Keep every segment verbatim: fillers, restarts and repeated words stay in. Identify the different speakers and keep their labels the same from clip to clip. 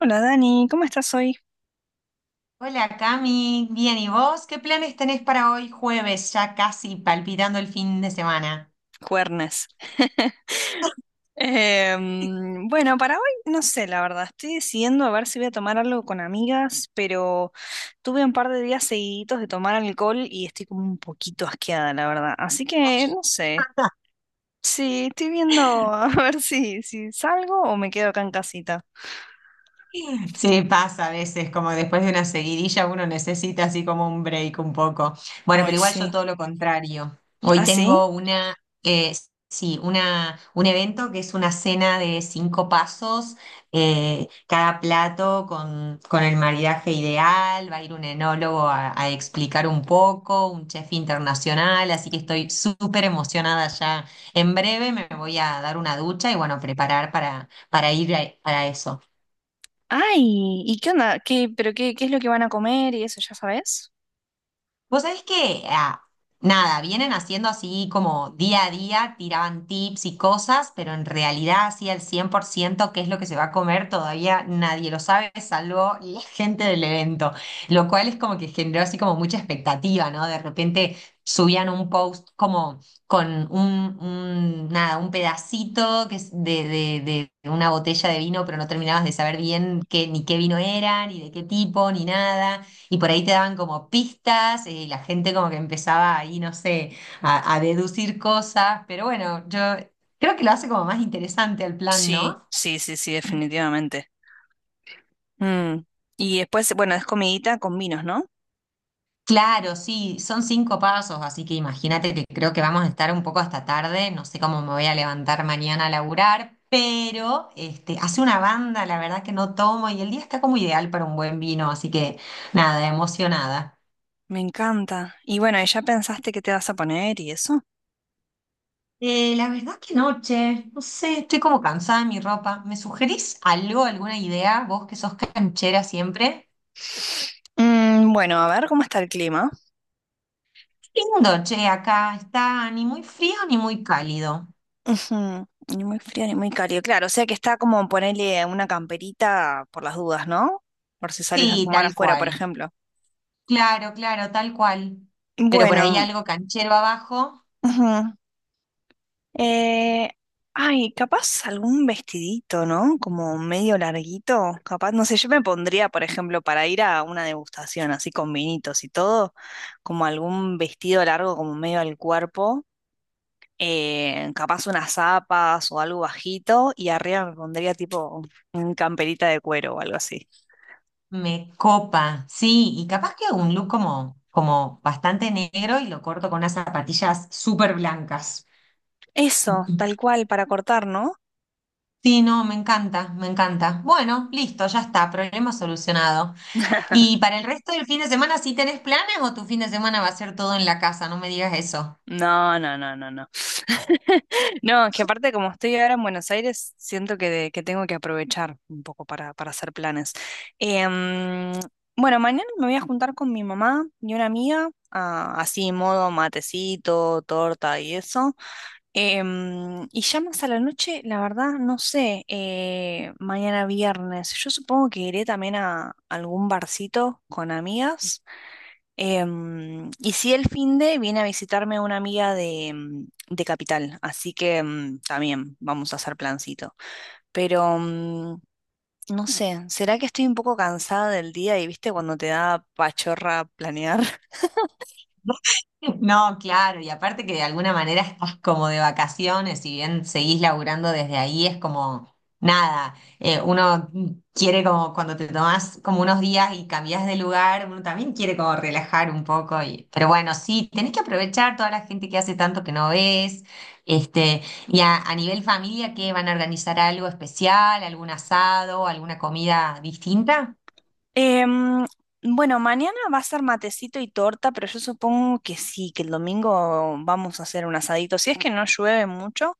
Speaker 1: Hola Dani, ¿cómo estás hoy?
Speaker 2: Hola Cami, bien, ¿y vos? ¿Qué planes tenés para hoy jueves, ya casi palpitando el fin de semana?
Speaker 1: Cuernes. Em, bueno, para hoy no sé, la verdad, estoy decidiendo a ver si voy a tomar algo con amigas, pero tuve un par de días seguiditos de tomar alcohol y estoy como un poquito asqueada, la verdad. Así que no sé, sí, estoy viendo a ver si, si salgo o me quedo acá en casita.
Speaker 2: Sí, pasa a veces, como después de una seguidilla uno necesita así como un break un poco. Bueno,
Speaker 1: Hoy
Speaker 2: pero igual yo
Speaker 1: sí.
Speaker 2: todo lo contrario. Hoy
Speaker 1: ¿Ah, sí?
Speaker 2: tengo una, eh, sí, una, un evento que es una cena de cinco pasos, eh, cada plato con, con el maridaje ideal, va a ir un enólogo a, a explicar un poco, un chef internacional, así que estoy súper emocionada ya. En breve me voy a dar una ducha y bueno, preparar para, para ir a- para eso.
Speaker 1: Ay, ¿y qué onda? ¿Qué, pero qué, qué es lo que van a comer y eso ya sabes?
Speaker 2: Vos sabés que, ah, nada, vienen haciendo así como día a día, tiraban tips y cosas, pero en realidad así al cien por ciento qué es lo que se va a comer todavía nadie lo sabe, salvo la gente del evento, lo cual es como que generó así como mucha expectativa, ¿no? De repente subían un post como con un, un- nada, un pedacito que es de, de, de una botella de vino, pero no terminabas de saber bien qué, ni qué vino eran, ni de qué tipo, ni nada y por ahí te daban como pistas eh, y la gente como que empezaba ahí, no sé, a, a deducir cosas, pero bueno, yo creo que lo hace como más interesante el plan,
Speaker 1: Sí,
Speaker 2: ¿no?
Speaker 1: sí, sí, sí, definitivamente. Mm. Y después, bueno, es comidita con vinos, ¿no?
Speaker 2: Claro, sí, son cinco pasos, así que imagínate que creo que vamos a estar un poco hasta tarde, no sé cómo me voy a levantar mañana a laburar, pero este, hace una banda, la verdad que no tomo y el día está como ideal para un buen vino, así que nada, emocionada.
Speaker 1: Me encanta. Y bueno, ¿y ya pensaste qué te vas a poner y eso?
Speaker 2: Eh, la verdad que noche, no sé, estoy como cansada de mi ropa. ¿Me sugerís algo, alguna idea? Vos que sos canchera siempre.
Speaker 1: Mm, bueno, a ver cómo está el clima.
Speaker 2: Qué lindo, che, acá está ni muy frío ni muy cálido.
Speaker 1: Ujú. Ni muy frío ni muy cálido. Claro, o sea que está como ponerle una camperita por las dudas, ¿no? Por si sales a
Speaker 2: Sí,
Speaker 1: fumar
Speaker 2: tal
Speaker 1: afuera, por
Speaker 2: cual.
Speaker 1: ejemplo.
Speaker 2: Claro, claro, tal cual. Pero por ahí
Speaker 1: Bueno,
Speaker 2: algo canchero abajo
Speaker 1: ujú. Eh, ay, capaz algún vestidito, ¿no? Como medio larguito. Capaz, no sé, yo me pondría, por ejemplo, para ir a una degustación así con vinitos y todo, como algún vestido largo como medio al cuerpo. Eh, capaz unas zapas o algo bajito y arriba me pondría tipo un camperita de cuero o algo así.
Speaker 2: me copa. Sí, y capaz que un look como, como bastante negro y lo corto con unas zapatillas súper blancas.
Speaker 1: Eso, tal cual, para cortar, ¿no?
Speaker 2: Sí, no, me encanta, me encanta. Bueno, listo, ya está, problema solucionado. ¿Y para el resto del fin de semana sí tenés planes o tu fin de semana va a ser todo en la casa? No me digas eso.
Speaker 1: No, no, no, no, no. No, que aparte como estoy ahora en Buenos Aires, siento que, de- que tengo que aprovechar un poco para, para hacer planes. Em, bueno, mañana me voy a juntar con mi mamá y una amiga, ah, así modo matecito, torta y eso. Em, y ya más a la noche, la verdad, no sé, eh, mañana viernes, yo supongo que iré también a algún barcito con amigas. Em, y si el finde viene a visitarme una amiga de, mm, de Capital, así que mm, también vamos a hacer plancito. Pero mm, no sé, ¿será que estoy un poco cansada del día y viste cuando te da pachorra planear?
Speaker 2: No, claro, y aparte que de alguna manera estás como de vacaciones, si bien seguís laburando desde ahí, es como nada, eh, uno quiere como cuando te tomás como unos días y cambiás de lugar, uno también quiere como relajar un poco, y, pero bueno, sí, tenés que aprovechar toda la gente que hace tanto que no ves, este, y a, a nivel familia, ¿qué van a organizar algo especial, algún asado, alguna comida distinta?
Speaker 1: Em, bueno, mañana va a ser matecito y torta, pero yo supongo que sí, que el domingo vamos a hacer un asadito. Si es que no llueve mucho,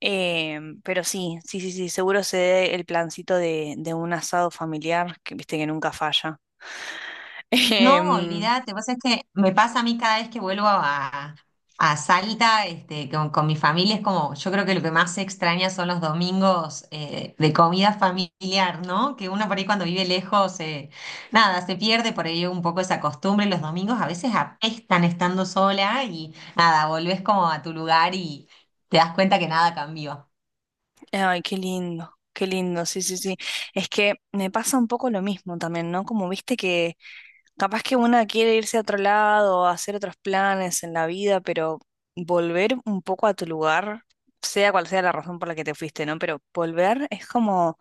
Speaker 1: em, pero sí, sí, sí, sí, seguro se dé el plancito de, de un asado familiar, que viste que nunca falla.
Speaker 2: No,
Speaker 1: Em,
Speaker 2: olvídate, vos es que me pasa a mí cada vez que vuelvo a, a Salta, este, con, con mi familia, es como, yo creo que lo que más se extraña son los domingos eh, de comida familiar, ¿no? Que uno por ahí cuando vive lejos, eh, nada, se pierde por ahí un poco esa costumbre, los domingos a veces apestan estando sola y nada, volvés como a tu lugar y te das cuenta que nada cambió.
Speaker 1: ay, qué lindo, qué lindo, sí, sí, sí. Es que me pasa un poco lo mismo también, ¿no? Como viste que capaz que una quiere irse a otro lado, hacer otros planes en la vida, pero volver un poco a tu lugar, sea cual sea la razón por la que te fuiste, ¿no? Pero volver es como,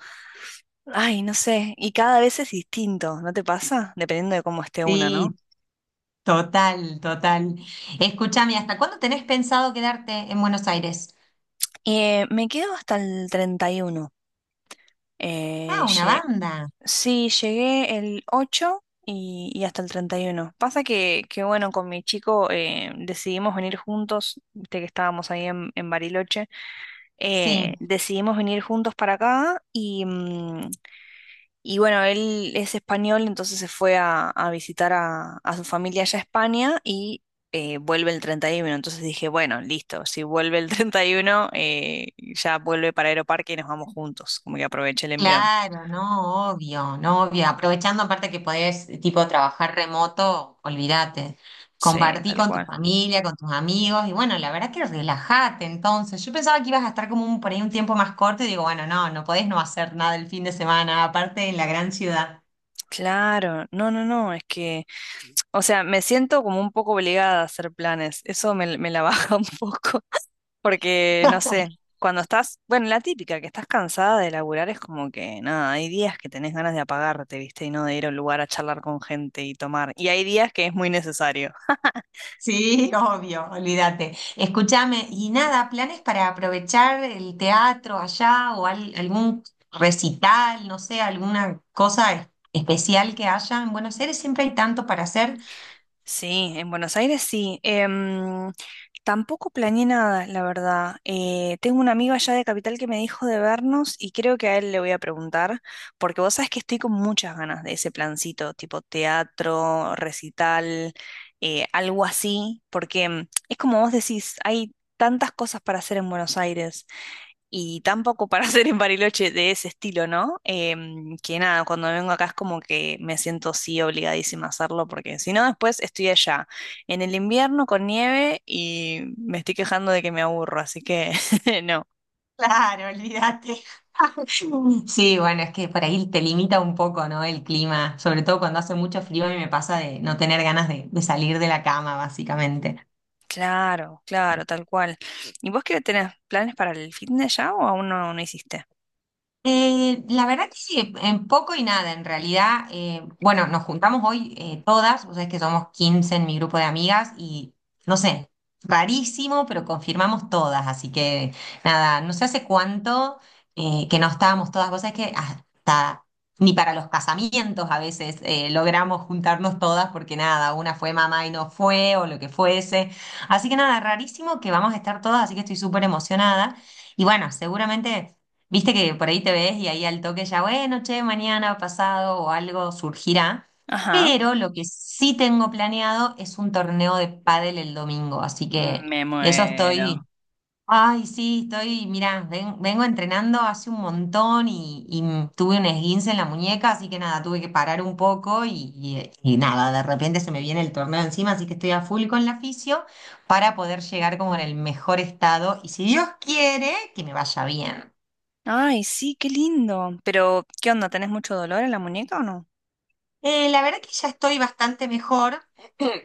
Speaker 1: ay, no sé, y cada vez es distinto, ¿no te pasa? Dependiendo de cómo esté una, ¿no?
Speaker 2: Sí, total, total. Escúchame, ¿hasta cuándo tenés pensado quedarte en Buenos Aires?
Speaker 1: Eh, me quedo hasta el treinta y uno.
Speaker 2: Ah,
Speaker 1: Eh,
Speaker 2: una
Speaker 1: lle-
Speaker 2: banda.
Speaker 1: Sí, llegué el ocho y, y hasta el treinta y uno. Pasa que, que bueno, con mi chico eh, decidimos venir juntos, viste que estábamos ahí en, en Bariloche,
Speaker 2: Sí,
Speaker 1: eh, decidimos venir juntos para acá y, mm, y bueno, él es español, entonces se fue a, a visitar a, a su familia allá a España y eh, vuelve el treinta y uno. Entonces dije, bueno, listo, si vuelve el treinta y uno, eh, ya vuelve para Aeroparque y nos vamos juntos, como que aproveché el envión.
Speaker 2: claro, no, obvio, no, obvio. Aprovechando aparte que podés, tipo, trabajar remoto, olvídate.
Speaker 1: Sí,
Speaker 2: Compartí
Speaker 1: tal
Speaker 2: con tu
Speaker 1: cual.
Speaker 2: familia, con tus amigos, y bueno, la verdad que relajate entonces. Yo pensaba que ibas a estar como un, por ahí un tiempo más corto, y digo, bueno, no, no podés no hacer nada el fin de semana, aparte en la gran ciudad.
Speaker 1: Claro, no, no, no, es que, o sea, me siento como un poco obligada a hacer planes, eso me, me la baja un poco, porque no sé, cuando estás, bueno, la típica, que estás cansada de laburar es como que, nada, hay días que tenés ganas de apagarte, ¿viste? Y no de ir a un lugar a charlar con gente y tomar, y hay días que es muy necesario.
Speaker 2: Sí, obvio, olvídate. Escúchame, y nada, ¿planes para aprovechar el teatro allá o al- algún recital, no sé, alguna cosa es- especial que haya? En Buenos Aires siempre hay tanto para hacer.
Speaker 1: Sí, en Buenos Aires sí. Em, tampoco planeé nada, la verdad. Eh, tengo una amigo allá de Capital que me dijo de vernos y creo que a él le voy a preguntar, porque vos sabés que estoy con muchas ganas de ese plancito, tipo teatro, recital, eh, algo así, porque em, es como vos decís, hay tantas cosas para hacer en Buenos Aires y tampoco para hacer en Bariloche de ese estilo, ¿no? Em, que nada, cuando vengo acá es como que me siento sí obligadísima a hacerlo, porque si no, después estoy allá en el invierno con nieve y me estoy quejando de que me aburro, así que no.
Speaker 2: Claro, olvídate. Sí, bueno, es que por ahí te limita un poco, ¿no? El clima, sobre todo cuando hace mucho frío y me pasa de no tener ganas de, de salir de la cama, básicamente.
Speaker 1: Claro, claro, tal cual. ¿Y vos qué tenés planes para el fitness ya o aún no, no hiciste?
Speaker 2: Eh, la verdad que sí, en poco y nada, en realidad, eh, bueno, nos juntamos hoy eh, todas, vos sabés que somos quince en mi grupo de amigas y no sé, rarísimo, pero confirmamos todas, así que nada, no sé hace cuánto eh, que no estábamos todas, vos sabés que hasta ni para los casamientos a veces eh, logramos juntarnos todas porque nada, una fue mamá y no fue o lo que fuese, así que nada, rarísimo que vamos a estar todas, así que estoy súper emocionada y bueno, seguramente... Viste que por ahí te ves y ahí al toque ya, bueno, che, mañana, pasado o algo surgirá.
Speaker 1: Ajá.
Speaker 2: Pero lo que sí tengo planeado es un torneo de pádel el domingo, así que
Speaker 1: Me
Speaker 2: de eso
Speaker 1: muero.
Speaker 2: estoy. Ay, sí, estoy, mirá, ven- vengo entrenando hace un montón y, y m- tuve un esguince en la muñeca, así que nada, tuve que parar un poco y, y- y nada, de repente se me viene el torneo encima, así que estoy a full con la fisio para poder llegar como en el mejor estado y si Dios quiere, que me vaya bien.
Speaker 1: Ay, sí, qué lindo. Pero, ¿qué onda? ¿Tenés mucho dolor en la muñeca o no?
Speaker 2: Eh, la verdad que ya estoy bastante mejor,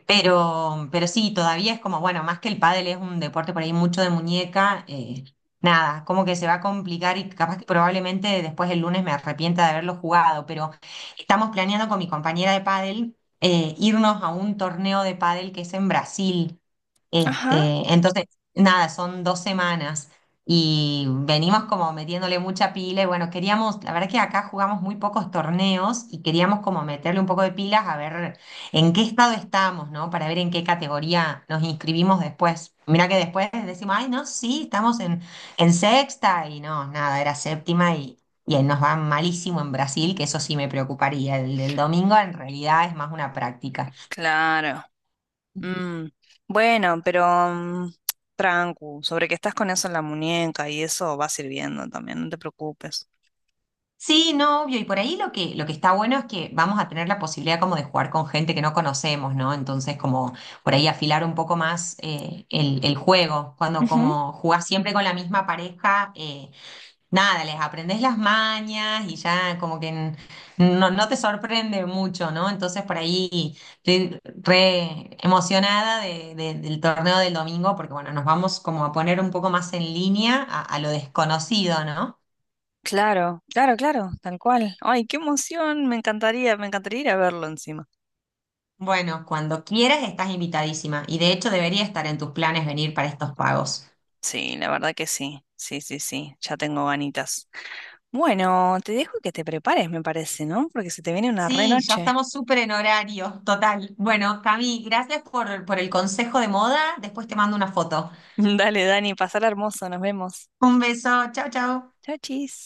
Speaker 2: pero, pero sí, todavía es como, bueno, más que el pádel es un deporte por ahí mucho de muñeca, eh, nada, como que se va a complicar y capaz que probablemente después el lunes me arrepienta de haberlo jugado, pero estamos planeando con mi compañera de pádel eh, irnos a un torneo de pádel que es en Brasil.
Speaker 1: Ajá.
Speaker 2: Este, entonces, nada, son dos semanas y venimos como metiéndole mucha pila y bueno, queríamos, la verdad que acá jugamos muy pocos torneos y queríamos como meterle un poco de pilas a ver en qué estado estamos, ¿no? Para ver en qué categoría nos inscribimos después. Mira que después decimos, ay, no, sí, estamos en, en sexta y no, nada, era séptima y, y ahí nos va malísimo en Brasil, que eso sí me preocuparía. El del domingo en realidad es más una práctica.
Speaker 1: Claro. Mm, bueno, pero mm, trancu, sobre que estás con eso en la muñeca y eso va sirviendo también, no te preocupes.
Speaker 2: Sí, no, obvio. Y por ahí lo que, lo que está bueno es que vamos a tener la posibilidad como de jugar con gente que no conocemos, ¿no? Entonces, como por ahí afilar un poco más eh, el, el juego. Cuando
Speaker 1: Ujú,
Speaker 2: como jugás siempre con la misma pareja, eh, nada, les aprendés las mañas y ya como que n- no, no te sorprende mucho, ¿no? Entonces, por ahí estoy re emocionada de- de- del torneo del domingo porque, bueno, nos vamos como a poner un poco más en línea a, a lo desconocido, ¿no?
Speaker 1: claro, claro, claro, tal cual. Ay, qué emoción, me encantaría, me encantaría ir a verlo encima.
Speaker 2: Bueno, cuando quieras estás invitadísima y de hecho debería estar en tus planes venir para estos pagos.
Speaker 1: Sí, la verdad que sí, sí, sí, sí, ya tengo ganitas. Bueno, te dejo que te prepares, me parece, ¿no? Porque se te viene una re
Speaker 2: Sí, ya
Speaker 1: noche.
Speaker 2: estamos súper en horario, total. Bueno, Cami, gracias por, por el consejo de moda. Después te mando una foto.
Speaker 1: Dale, Dani, pasar hermoso, nos vemos.
Speaker 2: Un beso, chao, chao.
Speaker 1: Chau, chis.